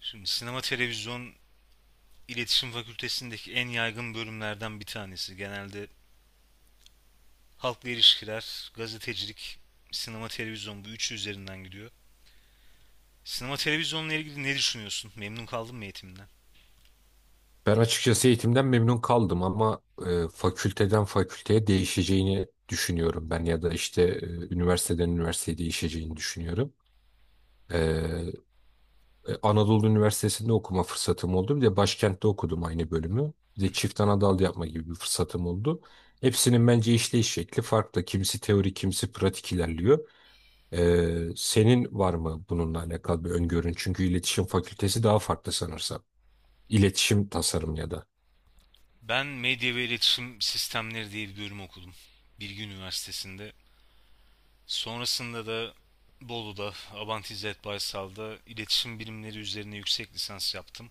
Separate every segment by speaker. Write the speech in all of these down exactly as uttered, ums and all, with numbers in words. Speaker 1: Şimdi sinema televizyon iletişim fakültesindeki en yaygın bölümlerden bir tanesi. Genelde halkla ilişkiler, gazetecilik, sinema televizyon bu üçü üzerinden gidiyor. Sinema televizyonla ilgili ne düşünüyorsun? Memnun kaldın mı eğitiminden?
Speaker 2: Ben açıkçası eğitimden memnun kaldım ama e, fakülteden fakülteye değişeceğini düşünüyorum ben ya da işte e, üniversiteden üniversiteye değişeceğini düşünüyorum. E, e, Anadolu Üniversitesi'nde okuma fırsatım oldu. Bir de başkentte okudum aynı bölümü. Bir
Speaker 1: Hı.
Speaker 2: de çift ana yapma gibi bir fırsatım oldu. Hepsinin bence işleyiş şekli farklı. Kimisi teori, kimisi pratik ilerliyor. E, senin var mı bununla alakalı bir öngörün? Çünkü iletişim fakültesi daha farklı sanırsam. İletişim tasarım ya da.
Speaker 1: Ben medya ve iletişim sistemleri diye bir bölüm okudum. Bilgi Üniversitesi'nde. Sonrasında da Bolu'da, Abant İzzet Baysal'da iletişim bilimleri üzerine yüksek lisans yaptım.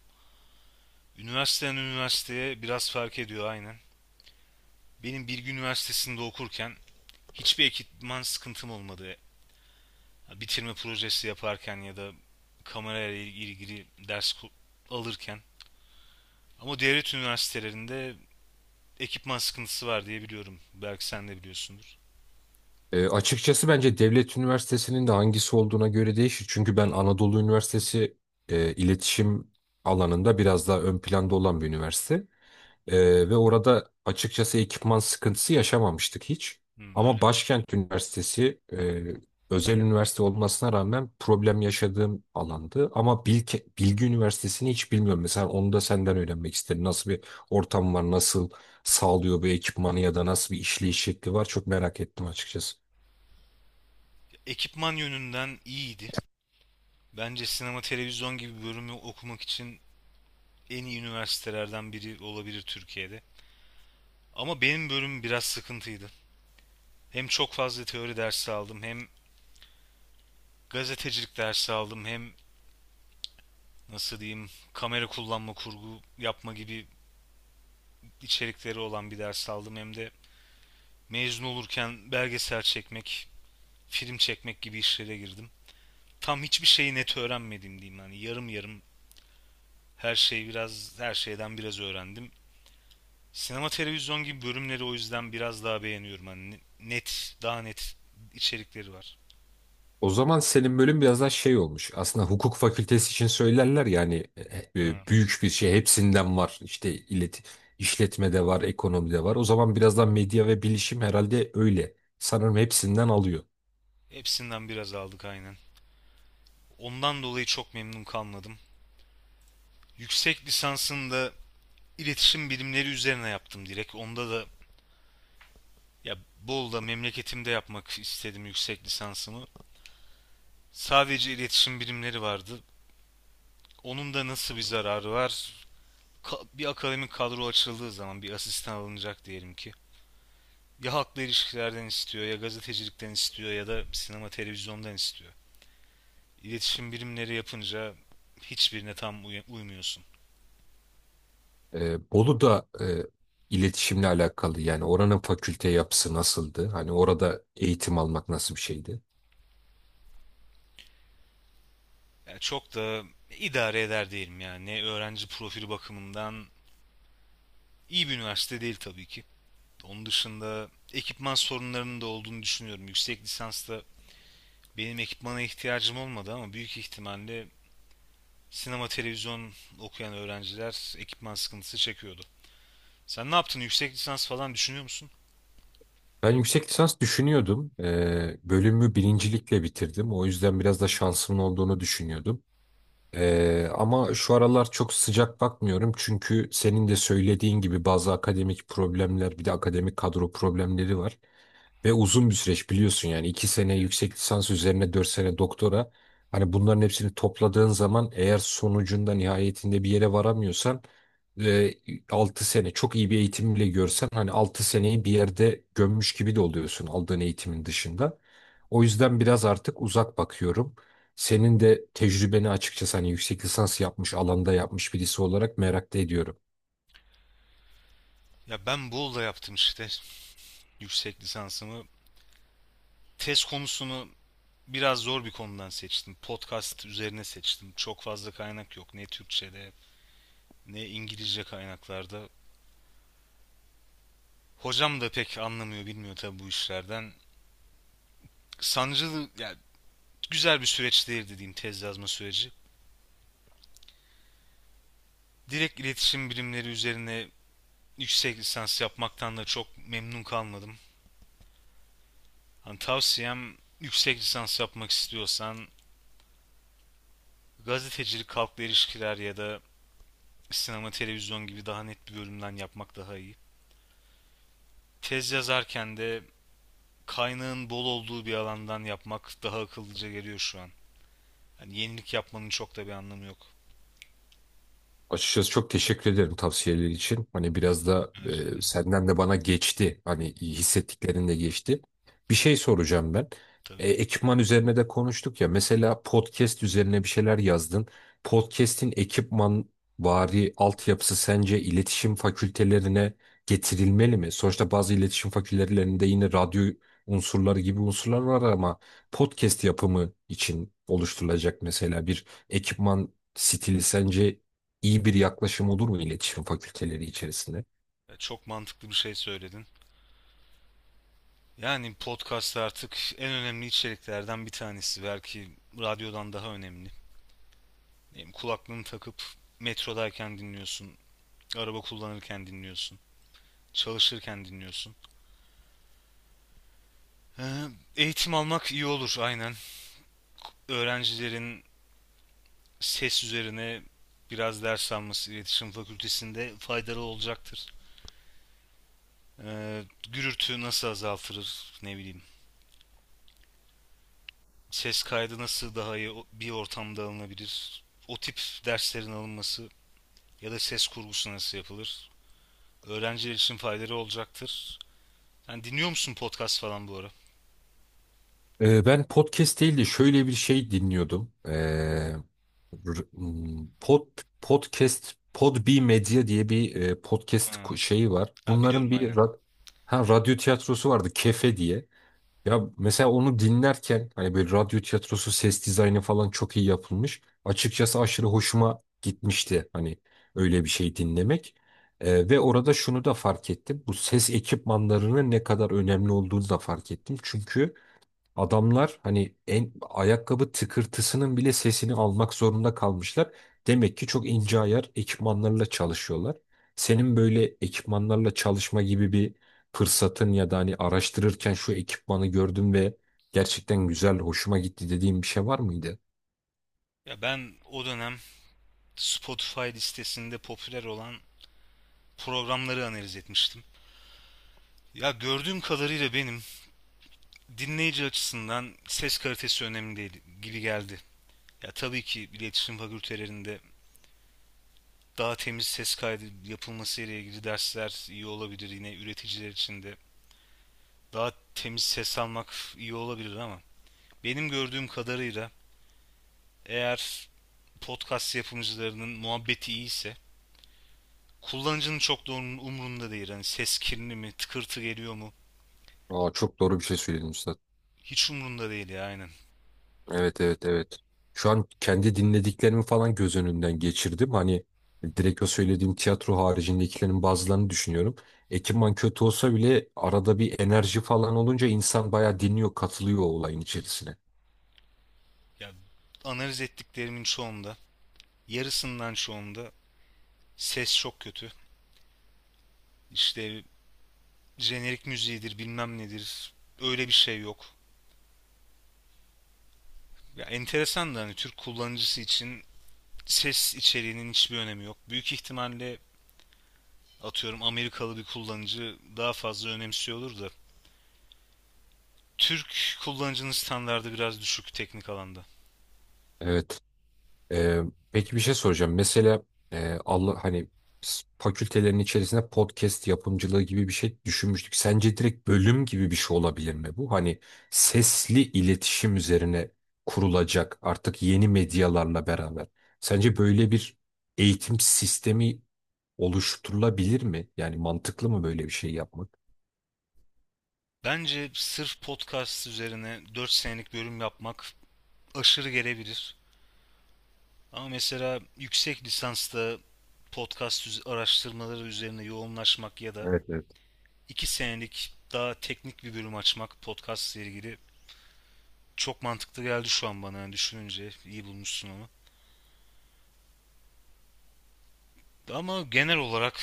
Speaker 1: Üniversiteden üniversiteye biraz fark ediyor aynen. Benim Bilgi Üniversitesi'nde okurken hiçbir ekipman sıkıntım olmadı. Bitirme projesi yaparken ya da kamerayla ilgili ders alırken. Ama devlet üniversitelerinde ekipman sıkıntısı var diye biliyorum. Belki sen de biliyorsundur.
Speaker 2: E, açıkçası bence devlet üniversitesinin de hangisi olduğuna göre değişir. Çünkü ben Anadolu Üniversitesi e, iletişim alanında biraz daha ön planda olan bir üniversite. Ee, ve orada açıkçası ekipman sıkıntısı yaşamamıştık hiç.
Speaker 1: Hmm, öyle
Speaker 2: Ama
Speaker 1: mi?
Speaker 2: Başkent Üniversitesi e, özel üniversite olmasına rağmen problem yaşadığım alandı. Ama Bilke, Bilgi Üniversitesi'ni hiç bilmiyorum. Mesela onu da senden öğrenmek isterim. Nasıl bir ortam var, nasıl sağlıyor bu ekipmanı ya da nasıl bir işleyiş şekli var, çok merak ettim açıkçası.
Speaker 1: Ekipman yönünden iyiydi. Bence sinema televizyon gibi bir bölümü okumak için en iyi üniversitelerden biri olabilir Türkiye'de. Ama benim bölümüm biraz sıkıntıydı. Hem çok fazla teori dersi aldım, hem gazetecilik dersi aldım, hem nasıl diyeyim kamera kullanma, kurgu yapma gibi içerikleri olan bir ders aldım. Hem de mezun olurken belgesel çekmek, film çekmek gibi işlere girdim. Tam hiçbir şeyi net öğrenmedim diyeyim. Yani yarım yarım her şeyi biraz her şeyden biraz öğrendim. Sinema televizyon gibi bölümleri o yüzden biraz daha beğeniyorum. Hani net, daha net içerikleri var.
Speaker 2: O zaman senin bölüm biraz daha şey olmuş. Aslında hukuk fakültesi için söylerler yani
Speaker 1: Ha,
Speaker 2: büyük bir şey hepsinden var. İşte ilet işletmede var, ekonomide var. O zaman biraz daha medya ve bilişim herhalde öyle. Sanırım hepsinden alıyor.
Speaker 1: hepsinden biraz aldık aynen. Ondan dolayı çok memnun kalmadım. Yüksek lisansında İletişim bilimleri üzerine yaptım direkt. Onda da ya Bolu'da memleketimde yapmak istedim yüksek lisansımı. Sadece iletişim bilimleri vardı. Onun da nasıl bir zararı var? Ka- Bir akademik kadro açıldığı zaman bir asistan alınacak diyelim ki. Ya halkla ilişkilerden istiyor, ya gazetecilikten istiyor, ya da sinema televizyondan istiyor. İletişim bilimleri yapınca hiçbirine tam uy- uymuyorsun.
Speaker 2: E, Bolu da e, iletişimle alakalı, yani oranın fakülte yapısı nasıldı? Hani orada eğitim almak nasıl bir şeydi?
Speaker 1: Yani çok da idare eder diyelim yani. Ne öğrenci profili bakımından iyi bir üniversite değil tabii ki. Onun dışında ekipman sorunlarının da olduğunu düşünüyorum. Yüksek lisansta benim ekipmana ihtiyacım olmadı ama büyük ihtimalle sinema televizyon okuyan öğrenciler ekipman sıkıntısı çekiyordu. Sen ne yaptın? Yüksek lisans falan düşünüyor musun?
Speaker 2: Ben yüksek lisans düşünüyordum. E, bölümü birincilikle bitirdim. O yüzden biraz da
Speaker 1: Hı hı.
Speaker 2: şansımın olduğunu düşünüyordum. Ee, ama şu aralar çok sıcak bakmıyorum, çünkü senin de söylediğin gibi bazı akademik problemler, bir de akademik kadro problemleri var. Ve uzun bir süreç biliyorsun, yani iki sene yüksek lisans üzerine dört sene doktora. Hani bunların hepsini topladığın zaman, eğer sonucunda nihayetinde bir yere varamıyorsan e, altı sene çok iyi bir eğitim bile görsen, hani altı seneyi bir yerde gömmüş gibi de oluyorsun aldığın eğitimin dışında. O yüzden biraz artık uzak bakıyorum. Senin de tecrübeni açıkçası, hani yüksek lisans yapmış, alanda yapmış birisi olarak merak da ediyorum.
Speaker 1: Ya ben Bolu'da yaptım işte yüksek lisansımı. Tez konusunu biraz zor bir konudan seçtim. Podcast üzerine seçtim. Çok fazla kaynak yok. Ne Türkçe'de ne İngilizce kaynaklarda. Hocam da pek anlamıyor, bilmiyor tabii bu işlerden. Sancılı, ya güzel bir süreç değil dediğim tez yazma süreci. Direkt iletişim bilimleri üzerine yüksek lisans yapmaktan da çok memnun kalmadım. Hani tavsiyem yüksek lisans yapmak istiyorsan gazetecilik, halkla ilişkiler ya da sinema, televizyon gibi daha net bir bölümden yapmak daha iyi. Tez yazarken de kaynağın bol olduğu bir alandan yapmak daha akıllıca geliyor şu an. Yani yenilik yapmanın çok da bir anlamı yok.
Speaker 2: Açıkçası çok teşekkür ederim tavsiyeler için. Hani biraz da
Speaker 1: Rica
Speaker 2: e,
Speaker 1: ederim.
Speaker 2: senden de bana geçti. Hani hissettiklerin de geçti. Bir şey soracağım ben.
Speaker 1: Tabii.
Speaker 2: E, ekipman üzerine de konuştuk ya. Mesela podcast üzerine bir şeyler yazdın. Podcast'in ekipman vari altyapısı sence iletişim fakültelerine getirilmeli mi? Sonuçta bazı iletişim fakültelerinde yine radyo unsurları gibi unsurlar var ama podcast yapımı için oluşturulacak mesela bir ekipman stili, sence iyi bir yaklaşım olur mu iletişim fakülteleri içerisinde?
Speaker 1: Çok mantıklı bir şey söyledin. Yani podcast artık en önemli içeriklerden bir tanesi. Belki radyodan daha önemli. Yani kulaklığını takıp metrodayken dinliyorsun, araba kullanırken dinliyorsun, çalışırken dinliyorsun. Ee, eğitim almak iyi olur aynen. Öğrencilerin ses üzerine biraz ders alması iletişim fakültesinde faydalı olacaktır. Ee, gürültü nasıl azaltılır ne bileyim. Ses kaydı nasıl daha iyi bir ortamda alınabilir. O tip derslerin alınması ya da ses kurgusu nasıl yapılır? Öğrenciler için faydaları olacaktır. Sen dinliyor musun podcast falan bu ara?
Speaker 2: Ee, ben podcast değil de şöyle bir şey dinliyordum. Ee, r- m, pod, Podcast, Podbi Medya diye bir e, podcast ku-
Speaker 1: Ha.
Speaker 2: şeyi var.
Speaker 1: Ha,
Speaker 2: Bunların
Speaker 1: biliyorum
Speaker 2: bir
Speaker 1: aynen.
Speaker 2: ra- ha, radyo tiyatrosu vardı, Kefe diye. Ya mesela onu dinlerken hani böyle radyo tiyatrosu ses dizaynı falan çok iyi yapılmış. Açıkçası aşırı hoşuma gitmişti hani öyle bir şey dinlemek. Ee, ve orada şunu da fark ettim. Bu ses ekipmanlarının ne kadar önemli olduğunu da fark ettim. Çünkü adamlar hani en ayakkabı tıkırtısının bile sesini almak zorunda kalmışlar. Demek ki çok ince ayar ekipmanlarla çalışıyorlar. Senin böyle ekipmanlarla çalışma gibi bir fırsatın ya da hani araştırırken şu ekipmanı gördüm ve gerçekten güzel, hoşuma gitti dediğin bir şey var mıydı?
Speaker 1: Ya ben o dönem Spotify listesinde popüler olan programları analiz etmiştim. Ya gördüğüm kadarıyla benim dinleyici açısından ses kalitesi önemli değil gibi geldi. Ya tabii ki iletişim fakültelerinde daha temiz ses kaydı yapılması ile ilgili dersler iyi olabilir. Yine üreticiler için de daha temiz ses almak iyi olabilir ama benim gördüğüm kadarıyla eğer podcast yapımcılarının muhabbeti iyiyse kullanıcının çok da onun umrunda değil. Hani ses kirli mi, tıkırtı geliyor mu?
Speaker 2: Aa, çok doğru bir şey söyledin usta.
Speaker 1: Hiç umrunda değil ya aynen.
Speaker 2: Evet, evet, evet. Şu an kendi dinlediklerimi falan göz önünden geçirdim. Hani direkt o söylediğim tiyatro haricindekilerin bazılarını düşünüyorum. Ekipman kötü olsa bile arada bir enerji falan olunca insan bayağı dinliyor, katılıyor o olayın içerisine.
Speaker 1: Ya analiz ettiklerimin çoğunda, yarısından çoğunda ses çok kötü. İşte jenerik müziğidir, bilmem nedir. Öyle bir şey yok. Ya enteresan da hani Türk kullanıcısı için ses içeriğinin hiçbir önemi yok. Büyük ihtimalle atıyorum Amerikalı bir kullanıcı daha fazla önemsiyordur da Türk kullanıcının standardı biraz düşük teknik alanda.
Speaker 2: Evet. Ee, peki bir şey soracağım. Mesela e, Allah hani s- fakültelerin içerisinde podcast yapımcılığı gibi bir şey düşünmüştük. Sence direkt bölüm gibi bir şey olabilir mi bu? Hani sesli iletişim üzerine kurulacak artık yeni medyalarla beraber. Sence böyle bir eğitim sistemi oluşturulabilir mi? Yani mantıklı mı böyle bir şey yapmak?
Speaker 1: Bence sırf podcast üzerine dört senelik bölüm yapmak aşırı gelebilir. Ama mesela yüksek lisansta podcast araştırmaları üzerine yoğunlaşmak ya da
Speaker 2: Evet, evet.
Speaker 1: iki senelik daha teknik bir bölüm açmak podcast ile ilgili çok mantıklı geldi şu an bana yani düşününce iyi bulmuşsun onu. Ama genel olarak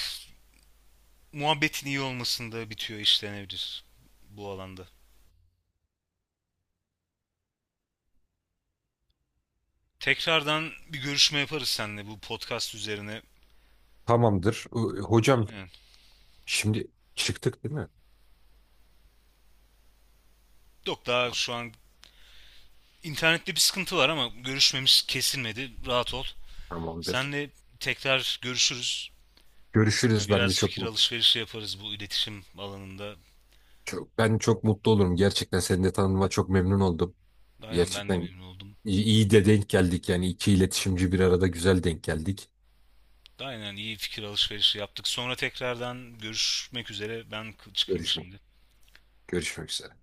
Speaker 1: muhabbetin iyi olmasında bitiyor işlenebilir bu alanda. Tekrardan bir görüşme yaparız seninle bu podcast üzerine.
Speaker 2: Tamamdır. Ö- Hocam,
Speaker 1: Aynen.
Speaker 2: şimdi çıktık değil mi?
Speaker 1: Yok daha şu an internette bir sıkıntı var ama görüşmemiz kesilmedi. Rahat ol.
Speaker 2: Tamamdır.
Speaker 1: Seninle tekrar görüşürüz. Yani
Speaker 2: Görüşürüz. Ben de
Speaker 1: biraz
Speaker 2: çok
Speaker 1: fikir alışverişi yaparız bu iletişim alanında.
Speaker 2: çok, ben çok mutlu olurum. Gerçekten seni de tanıma çok memnun oldum.
Speaker 1: Aynen ben de
Speaker 2: Gerçekten
Speaker 1: memnun oldum.
Speaker 2: iyi, iyi de denk geldik. Yani iki iletişimci bir arada güzel denk geldik.
Speaker 1: Aynen iyi fikir alışverişi yaptık. Sonra tekrardan görüşmek üzere. Ben çıkayım
Speaker 2: Görüşmek,
Speaker 1: şimdi.
Speaker 2: görüşmek üzere.